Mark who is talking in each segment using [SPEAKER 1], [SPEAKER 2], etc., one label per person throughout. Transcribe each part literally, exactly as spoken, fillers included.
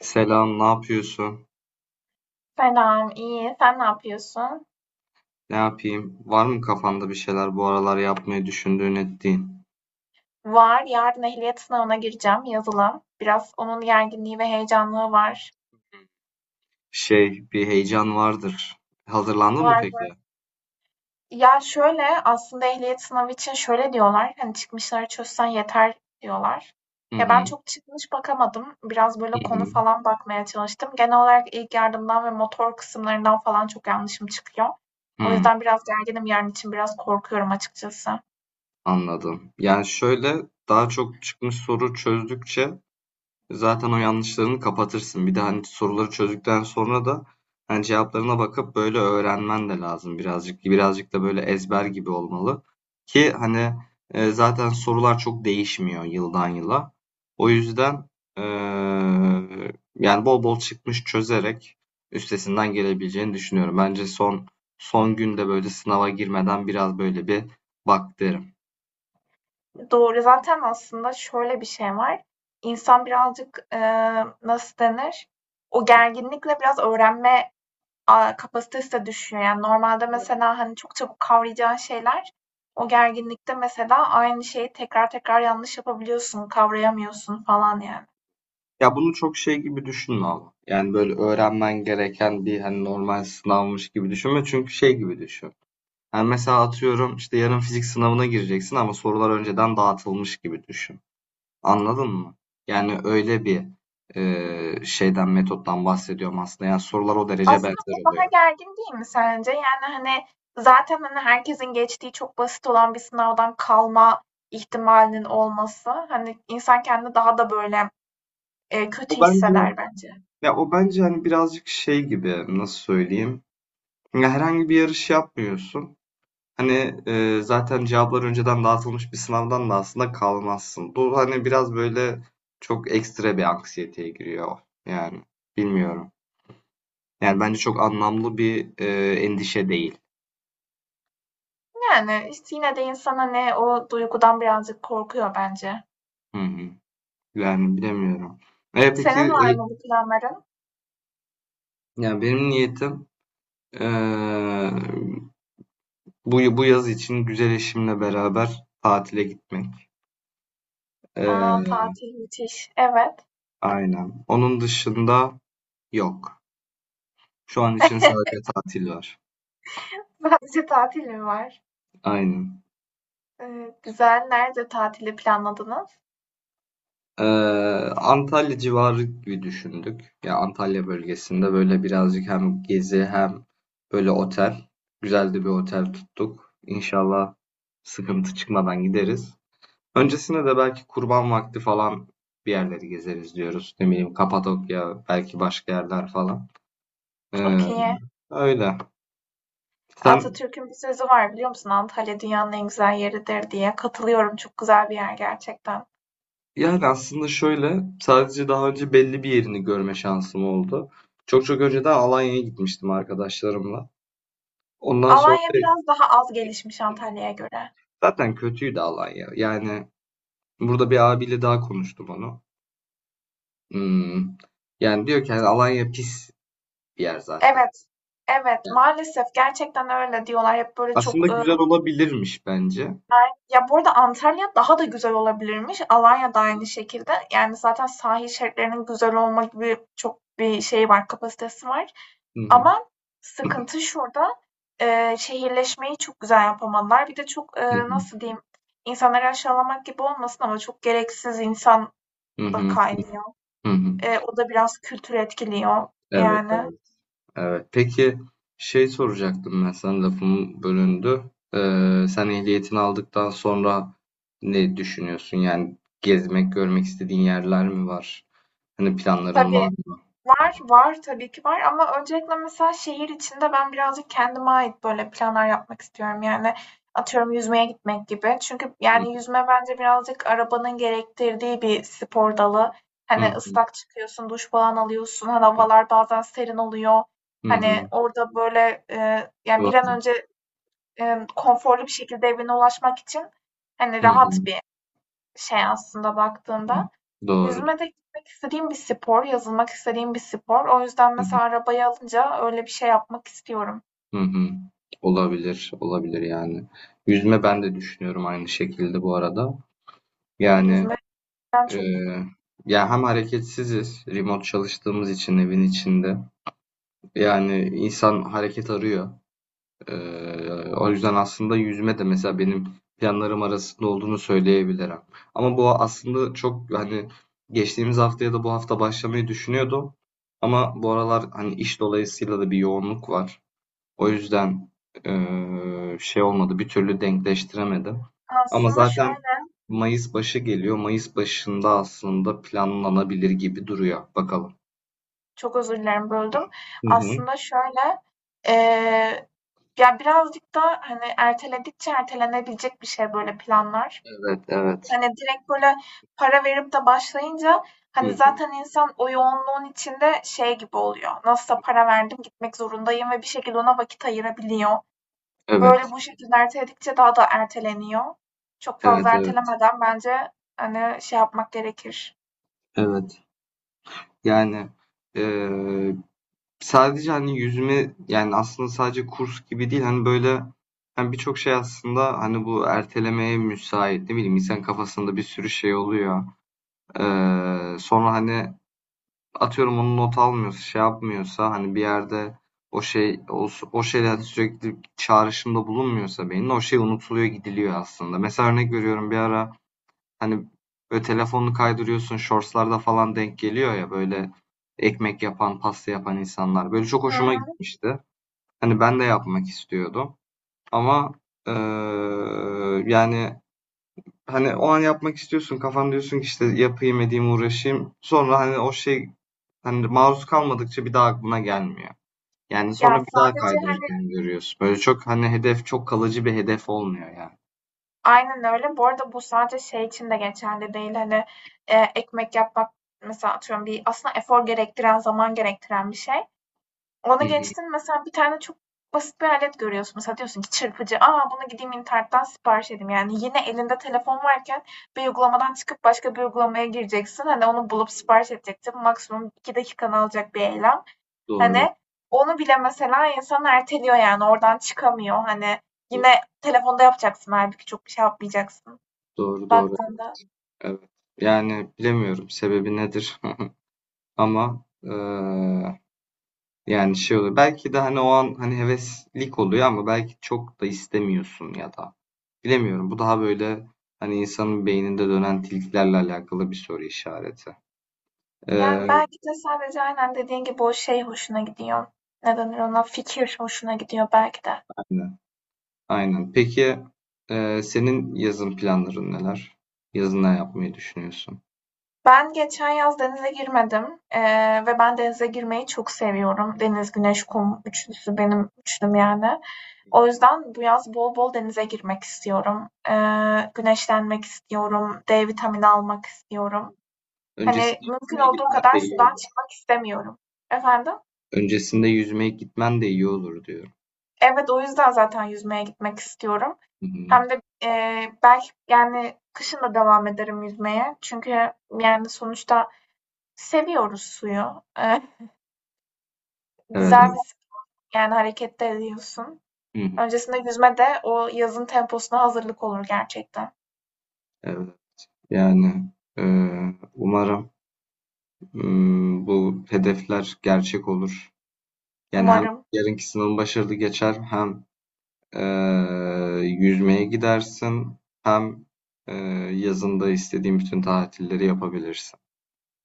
[SPEAKER 1] Selam, ne yapıyorsun?
[SPEAKER 2] Selam, iyi. Sen ne yapıyorsun?
[SPEAKER 1] Ne yapayım? Var mı kafanda bir şeyler bu aralar yapmayı düşündüğün ettiğin?
[SPEAKER 2] Var, yarın ehliyet sınavına gireceğim, yazılı. Biraz onun gerginliği ve heyecanlığı var.
[SPEAKER 1] Şey, bir heyecan vardır. Hazırlandın mı
[SPEAKER 2] Var, var.
[SPEAKER 1] peki?
[SPEAKER 2] Ya şöyle, aslında ehliyet sınavı için şöyle diyorlar, hani çıkmışları çözsen yeter diyorlar.
[SPEAKER 1] Hı
[SPEAKER 2] Ya ben
[SPEAKER 1] hı.
[SPEAKER 2] çok çıkmış bakamadım. Biraz böyle konu
[SPEAKER 1] Hı
[SPEAKER 2] falan bakmaya çalıştım. Genel olarak ilk yardımdan ve motor kısımlarından falan çok yanlışım çıkıyor.
[SPEAKER 1] hı.
[SPEAKER 2] O
[SPEAKER 1] Hı,
[SPEAKER 2] yüzden biraz gerginim yarın için, biraz korkuyorum açıkçası.
[SPEAKER 1] anladım. Yani şöyle daha çok çıkmış soru çözdükçe zaten o yanlışlarını kapatırsın. Bir de hani soruları çözdükten sonra da hani cevaplarına bakıp böyle öğrenmen de lazım birazcık. Birazcık da böyle ezber gibi olmalı. Ki hani e, zaten sorular çok değişmiyor yıldan yıla. O yüzden e, yani bol bol çıkmış çözerek üstesinden gelebileceğini düşünüyorum. Bence son son günde böyle sınava girmeden biraz böyle bir bak derim.
[SPEAKER 2] Doğru. Zaten aslında şöyle bir şey var. İnsan birazcık, eee, nasıl denir? O gerginlikle biraz öğrenme, aaa, kapasitesi de düşüyor. Yani normalde
[SPEAKER 1] Evet.
[SPEAKER 2] mesela, hani, çok çabuk kavrayacağın şeyler, o gerginlikte mesela aynı şeyi tekrar tekrar yanlış yapabiliyorsun, kavrayamıyorsun falan yani.
[SPEAKER 1] Ya bunu çok şey gibi düşünme ama. Yani böyle öğrenmen gereken bir hani normal sınavmış gibi düşünme. Çünkü şey gibi düşün. Yani mesela atıyorum işte yarın fizik sınavına gireceksin ama sorular önceden dağıtılmış gibi düşün. Anladın mı? Yani öyle bir e, şeyden metottan bahsediyorum aslında. Yani sorular o derece
[SPEAKER 2] Aslında bu
[SPEAKER 1] benzer
[SPEAKER 2] daha
[SPEAKER 1] oluyor.
[SPEAKER 2] gergin değil mi sence? Yani, hani, zaten, hani, herkesin geçtiği çok basit olan bir sınavdan kalma ihtimalinin olması, hani, insan kendini daha da böyle Eee,
[SPEAKER 1] O
[SPEAKER 2] kötü
[SPEAKER 1] bence
[SPEAKER 2] hisseder bence.
[SPEAKER 1] ya o bence hani birazcık şey gibi nasıl söyleyeyim? Ya herhangi bir yarış yapmıyorsun. Hani, eee, zaten cevaplar önceden dağıtılmış bir sınavdan da aslında kalmazsın. Bu, hani, biraz böyle çok ekstra bir anksiyeteye giriyor yani. Bilmiyorum. Yani bence çok anlamlı bir, eee, endişe değil.
[SPEAKER 2] Yani, işte, yine de insana ne o duygudan birazcık korkuyor bence.
[SPEAKER 1] Hı hı. Yani bilemiyorum. E, peki,
[SPEAKER 2] Senin var
[SPEAKER 1] eee,
[SPEAKER 2] mı bu planların?
[SPEAKER 1] yani benim niyetim, eee, bu bu yaz için güzel eşimle beraber tatile gitmek.
[SPEAKER 2] A,
[SPEAKER 1] Eee,
[SPEAKER 2] tatil müthiş. Evet.
[SPEAKER 1] aynen. Onun dışında yok. Şu an için sadece tatil var.
[SPEAKER 2] Sadece tatil mi var?
[SPEAKER 1] Aynen.
[SPEAKER 2] Eee, güzel. Nerede tatili planladınız?
[SPEAKER 1] Eee, Antalya civarı gibi düşündük. Ya Antalya bölgesinde böyle birazcık hem gezi hem böyle otel. Güzel de bir otel tuttuk. İnşallah sıkıntı çıkmadan gideriz. Öncesinde de belki kurban vakti falan bir yerleri gezeriz diyoruz. Ne bileyim Kapadokya, belki başka yerler falan. Eee,
[SPEAKER 2] Çok iyi.
[SPEAKER 1] öyle. Sen,
[SPEAKER 2] Atatürk'ün bir sözü var biliyor musun? Antalya dünyanın en güzel yeridir diye. Katılıyorum. Çok güzel bir yer gerçekten.
[SPEAKER 1] yani aslında şöyle sadece daha önce belli bir yerini görme şansım oldu. Çok çok önceden Alanya'ya gitmiştim arkadaşlarımla. Ondan sonra
[SPEAKER 2] Alanya biraz daha az gelişmiş Antalya'ya göre.
[SPEAKER 1] zaten kötüydü Alanya. Yani burada bir abiyle daha konuştum onu. Hmm. Yani diyor ki hani Alanya pis bir yer zaten.
[SPEAKER 2] Evet. Evet,
[SPEAKER 1] Yani
[SPEAKER 2] maalesef gerçekten öyle diyorlar. Hep böyle
[SPEAKER 1] aslında
[SPEAKER 2] çok, eee
[SPEAKER 1] güzel olabilirmiş bence.
[SPEAKER 2] ya bu arada Antalya daha da güzel olabilirmiş. Alanya da aynı şekilde. Yani zaten sahil şeritlerinin güzel olma gibi çok bir şey var, kapasitesi var.
[SPEAKER 1] Hı hı.
[SPEAKER 2] Ama sıkıntı şurada. E, şehirleşmeyi çok güzel yapamadılar. Bir de çok
[SPEAKER 1] Hı
[SPEAKER 2] e,
[SPEAKER 1] hı.
[SPEAKER 2] nasıl diyeyim, insanları aşağılamak gibi olmasın ama çok gereksiz insan
[SPEAKER 1] Hı
[SPEAKER 2] da
[SPEAKER 1] hı.
[SPEAKER 2] kaynıyor.
[SPEAKER 1] Hı hı.
[SPEAKER 2] E, o da biraz kültür etkiliyor
[SPEAKER 1] Evet,
[SPEAKER 2] yani.
[SPEAKER 1] evet, evet. Peki şey soracaktım ben sana lafım bölündü. Ee, sen ehliyetini aldıktan sonra ne düşünüyorsun? Yani gezmek, görmek istediğin yerler mi var? Hani planların var
[SPEAKER 2] Tabii
[SPEAKER 1] mı?
[SPEAKER 2] var, var, tabii ki var ama öncelikle mesela şehir içinde ben birazcık kendime ait böyle planlar yapmak istiyorum. Yani atıyorum yüzmeye gitmek gibi. Çünkü
[SPEAKER 1] Hı hı.
[SPEAKER 2] yani yüzme bence birazcık arabanın gerektirdiği bir spor dalı. Hani
[SPEAKER 1] Hı
[SPEAKER 2] ıslak çıkıyorsun, duş falan alıyorsun. Hani
[SPEAKER 1] hı.
[SPEAKER 2] havalar bazen serin oluyor.
[SPEAKER 1] Hı hı.
[SPEAKER 2] Hani orada böyle e, yani bir an önce e, konforlu bir şekilde evine ulaşmak için hani
[SPEAKER 1] Hı
[SPEAKER 2] rahat
[SPEAKER 1] hı,
[SPEAKER 2] bir şey aslında
[SPEAKER 1] hı
[SPEAKER 2] baktığında.
[SPEAKER 1] Doğru.
[SPEAKER 2] Yüzme de gitmek istediğim bir spor, yazılmak istediğim bir spor. O yüzden
[SPEAKER 1] Hı
[SPEAKER 2] mesela arabayı alınca öyle bir şey yapmak istiyorum.
[SPEAKER 1] hı, hı hı. Olabilir, olabilir yani. Yüzme ben de düşünüyorum aynı şekilde bu arada. Yani
[SPEAKER 2] Yüzmeden
[SPEAKER 1] e,
[SPEAKER 2] çok
[SPEAKER 1] ya hem hareketsiziz, remote çalıştığımız için evin içinde. Yani insan hareket arıyor. E, o yüzden aslında yüzme de mesela benim planlarım arasında olduğunu söyleyebilirim. Ama bu aslında çok hani geçtiğimiz hafta ya da bu hafta başlamayı düşünüyordum. Ama bu aralar hani iş dolayısıyla da bir yoğunluk var. O yüzden eee, şey olmadı, bir türlü denkleştiremedim. Ama
[SPEAKER 2] aslında
[SPEAKER 1] zaten
[SPEAKER 2] şöyle
[SPEAKER 1] Mayıs başı geliyor. Mayıs başında aslında planlanabilir gibi duruyor. Bakalım.
[SPEAKER 2] çok özür dilerim böldüm.
[SPEAKER 1] Hı hı.
[SPEAKER 2] Aslında şöyle eee, ya birazcık da hani erteledikçe ertelenebilecek bir şey böyle planlar.
[SPEAKER 1] Evet, evet.
[SPEAKER 2] Hani direkt böyle para verip de başlayınca
[SPEAKER 1] Hı
[SPEAKER 2] hani
[SPEAKER 1] hı.
[SPEAKER 2] zaten insan o yoğunluğun içinde şey gibi oluyor. Nasılsa para verdim gitmek zorundayım ve bir şekilde ona vakit ayırabiliyor. Böyle
[SPEAKER 1] Evet,
[SPEAKER 2] bu şekilde erteledikçe daha da erteleniyor. Çok fazla
[SPEAKER 1] evet, evet,
[SPEAKER 2] ertelemeden bence, hani, şey yapmak gerekir.
[SPEAKER 1] evet. Yani eee, sadece hani yüzme yani aslında sadece kurs gibi değil hani böyle hani birçok şey aslında hani bu ertelemeye müsait ne bileyim insan kafasında bir sürü şey oluyor. Eee, sonra hani atıyorum onu not almıyorsa şey yapmıyorsa hani bir yerde o şey o, o şeyle hani sürekli çağrışımda bulunmuyorsa beynin o şey unutuluyor gidiliyor aslında. Mesela örnek veriyorum bir ara hani böyle telefonunu kaydırıyorsun shortslarda falan denk geliyor ya böyle ekmek yapan pasta yapan insanlar. Böyle çok
[SPEAKER 2] Hı
[SPEAKER 1] hoşuma
[SPEAKER 2] hı.
[SPEAKER 1] gitmişti. Hani ben de yapmak istiyordum. Ama eee, yani Hani o an yapmak istiyorsun. Kafan diyorsun ki işte yapayım edeyim uğraşayım. Sonra hani o şey hani maruz kalmadıkça bir daha aklına gelmiyor. Yani
[SPEAKER 2] Ya,
[SPEAKER 1] sonra bir daha
[SPEAKER 2] sadece, hani
[SPEAKER 1] kaydırırken görüyorsun. Böyle çok hani hedef çok kalıcı bir hedef olmuyor yani.
[SPEAKER 2] aynen öyle. Bu arada bu sadece şey için de geçerli değil, hani, eee, ekmek yapmak mesela atıyorum bir aslında efor gerektiren, zaman gerektiren bir şey.
[SPEAKER 1] Hı
[SPEAKER 2] Onu
[SPEAKER 1] hı.
[SPEAKER 2] geçtin mesela bir tane çok basit bir alet görüyorsun. Mesela diyorsun ki çırpıcı. Aa bunu gideyim internetten sipariş edeyim. Yani yine elinde telefon varken bir uygulamadan çıkıp başka bir uygulamaya gireceksin. Hani onu bulup sipariş edeceksin. Maksimum iki dakikanı alacak bir eylem.
[SPEAKER 1] Doğru,
[SPEAKER 2] Hani onu bile mesela insan erteliyor yani oradan çıkamıyor. Hani yine telefonda yapacaksın halbuki çok bir şey yapmayacaksın
[SPEAKER 1] doğru, doğru, doğru.
[SPEAKER 2] baktığında.
[SPEAKER 1] Evet. Yani bilemiyorum sebebi nedir ama eee, yani şey oluyor. Belki de hani o an hani heveslik oluyor ama belki çok da istemiyorsun ya da. Bilemiyorum. Bu daha böyle hani insanın beyninde dönen tilkilerle alakalı bir soru işareti.
[SPEAKER 2] Yani
[SPEAKER 1] Ee,
[SPEAKER 2] belki de sadece aynen dediğin gibi o şey hoşuna gidiyor. Ne denir ona? Fikir hoşuna gidiyor belki de.
[SPEAKER 1] aynen. Aynen. Peki e, senin yazın planların neler? Yazın ne yapmayı düşünüyorsun?
[SPEAKER 2] Ben geçen yaz denize girmedim, eee, ve ben denize girmeyi çok seviyorum. Deniz, güneş, kum üçlüsü benim üçlüm yani. O yüzden bu yaz bol bol denize girmek istiyorum. Eee, güneşlenmek istiyorum, D vitamini almak istiyorum.
[SPEAKER 1] Öncesinde
[SPEAKER 2] Hani
[SPEAKER 1] yüzmeye
[SPEAKER 2] mümkün olduğu
[SPEAKER 1] gitmen de
[SPEAKER 2] kadar
[SPEAKER 1] iyi
[SPEAKER 2] sudan
[SPEAKER 1] olur.
[SPEAKER 2] çıkmak istemiyorum. Efendim?
[SPEAKER 1] Öncesinde yüzmeye gitmen de iyi olur diyorum.
[SPEAKER 2] Evet, o yüzden zaten yüzmeye gitmek istiyorum.
[SPEAKER 1] Hı hı.
[SPEAKER 2] Hem de eee, belki yani kışın da devam ederim yüzmeye. Çünkü yani sonuçta seviyoruz suyu.
[SPEAKER 1] Evet,
[SPEAKER 2] güzel
[SPEAKER 1] evet.
[SPEAKER 2] bir yani harekette de ediyorsun.
[SPEAKER 1] Hı hı.
[SPEAKER 2] Öncesinde yüzme de o yazın temposuna hazırlık olur gerçekten.
[SPEAKER 1] Evet. Yani e, umarım m, bu hedefler gerçek olur. Yani hem
[SPEAKER 2] Umarım.
[SPEAKER 1] yarınki sınavın başarılı geçer hem Eee, yüzmeye gidersin hem eee, yazında istediğin bütün tatilleri yapabilirsin.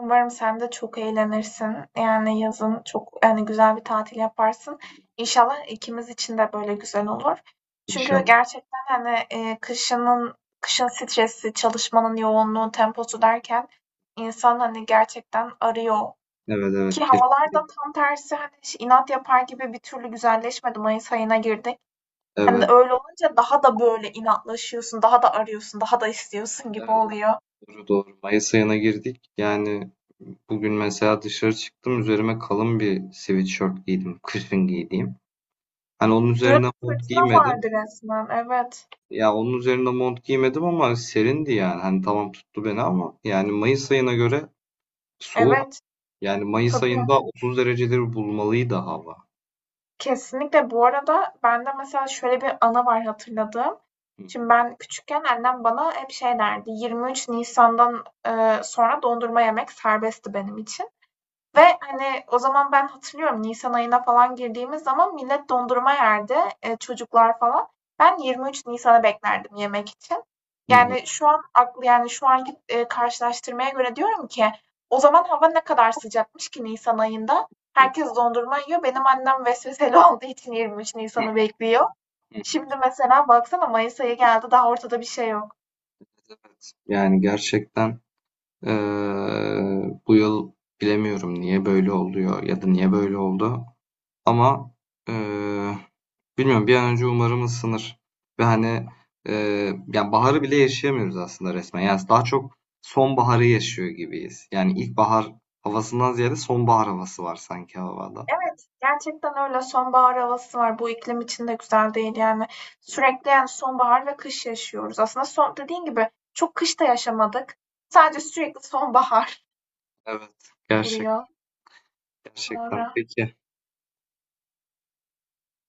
[SPEAKER 2] Umarım sen de çok eğlenirsin. Yani yazın çok yani güzel bir tatil yaparsın. İnşallah ikimiz için de böyle güzel olur. Çünkü
[SPEAKER 1] İnşallah.
[SPEAKER 2] gerçekten hani e, kışının kışın stresi, çalışmanın yoğunluğu, temposu derken insan hani gerçekten arıyor.
[SPEAKER 1] Evet, evet,
[SPEAKER 2] Ki
[SPEAKER 1] kes,
[SPEAKER 2] havalar da tam tersi hani inat yapar gibi bir türlü güzelleşmedi. Mayıs ayına girdik. Hani de
[SPEAKER 1] evet,
[SPEAKER 2] öyle olunca daha da böyle inatlaşıyorsun, daha da arıyorsun, daha da istiyorsun gibi
[SPEAKER 1] evet, evet,
[SPEAKER 2] oluyor.
[SPEAKER 1] doğru, doğru. Mayıs ayına girdik. Yani bugün mesela dışarı çıktım üzerime kalın bir sweatshirt giydim. Kışın giydiğim. Hani onun
[SPEAKER 2] Dün
[SPEAKER 1] üzerine mont
[SPEAKER 2] fırtına vardı
[SPEAKER 1] giymedim.
[SPEAKER 2] resmen. Evet.
[SPEAKER 1] Ya onun üzerine mont giymedim ama serindi yani. Hani tamam tuttu beni ama yani Mayıs ayına göre soğuk.
[SPEAKER 2] Evet.
[SPEAKER 1] Yani Mayıs
[SPEAKER 2] Tabii.
[SPEAKER 1] ayında otuz dereceleri bulmalıydı hava.
[SPEAKER 2] Kesinlikle bu arada bende mesela şöyle bir anı var hatırladığım. Şimdi ben küçükken annem bana hep şey derdi. yirmi üç Nisan'dan e, sonra dondurma yemek serbestti benim için. Ve, hani, o zaman ben hatırlıyorum nisan ayına falan girdiğimiz zaman millet dondurma yerdi, eee, çocuklar falan. Ben yirmi üç Nisan'ı beklerdim yemek için.
[SPEAKER 1] Hı hı.
[SPEAKER 2] Yani, şu an aklı yani, şu anki, eee, karşılaştırmaya göre diyorum ki o zaman hava ne kadar sıcakmış ki nisan ayında.
[SPEAKER 1] Hı
[SPEAKER 2] Herkes dondurma yiyor. Benim annem vesveseli olduğu için yirmi üç
[SPEAKER 1] hı.
[SPEAKER 2] Nisan'ı
[SPEAKER 1] Hı
[SPEAKER 2] bekliyor.
[SPEAKER 1] Evet.
[SPEAKER 2] Şimdi mesela baksana mayıs ayı geldi, daha ortada bir şey yok.
[SPEAKER 1] Evet. Yani gerçekten eee, bu yıl bilemiyorum niye böyle oluyor ya da niye böyle oldu. Ama eee, bilmiyorum bir an önce umarım ısınır. Ve hani eee yani baharı bile yaşayamıyoruz aslında resmen. Yani daha çok sonbaharı yaşıyor gibiyiz. Yani ilkbahar havasından ziyade sonbahar havası var sanki havada.
[SPEAKER 2] Evet, gerçekten öyle. Sonbahar havası var. Bu iklim için de güzel değil yani. Sürekli yani sonbahar ve kış yaşıyoruz. Aslında son, dediğin gibi çok kış da yaşamadık. Sadece sürekli sonbahar
[SPEAKER 1] Evet. Gerçek,
[SPEAKER 2] oluyor.
[SPEAKER 1] gerçekten.
[SPEAKER 2] Doğru.
[SPEAKER 1] Peki.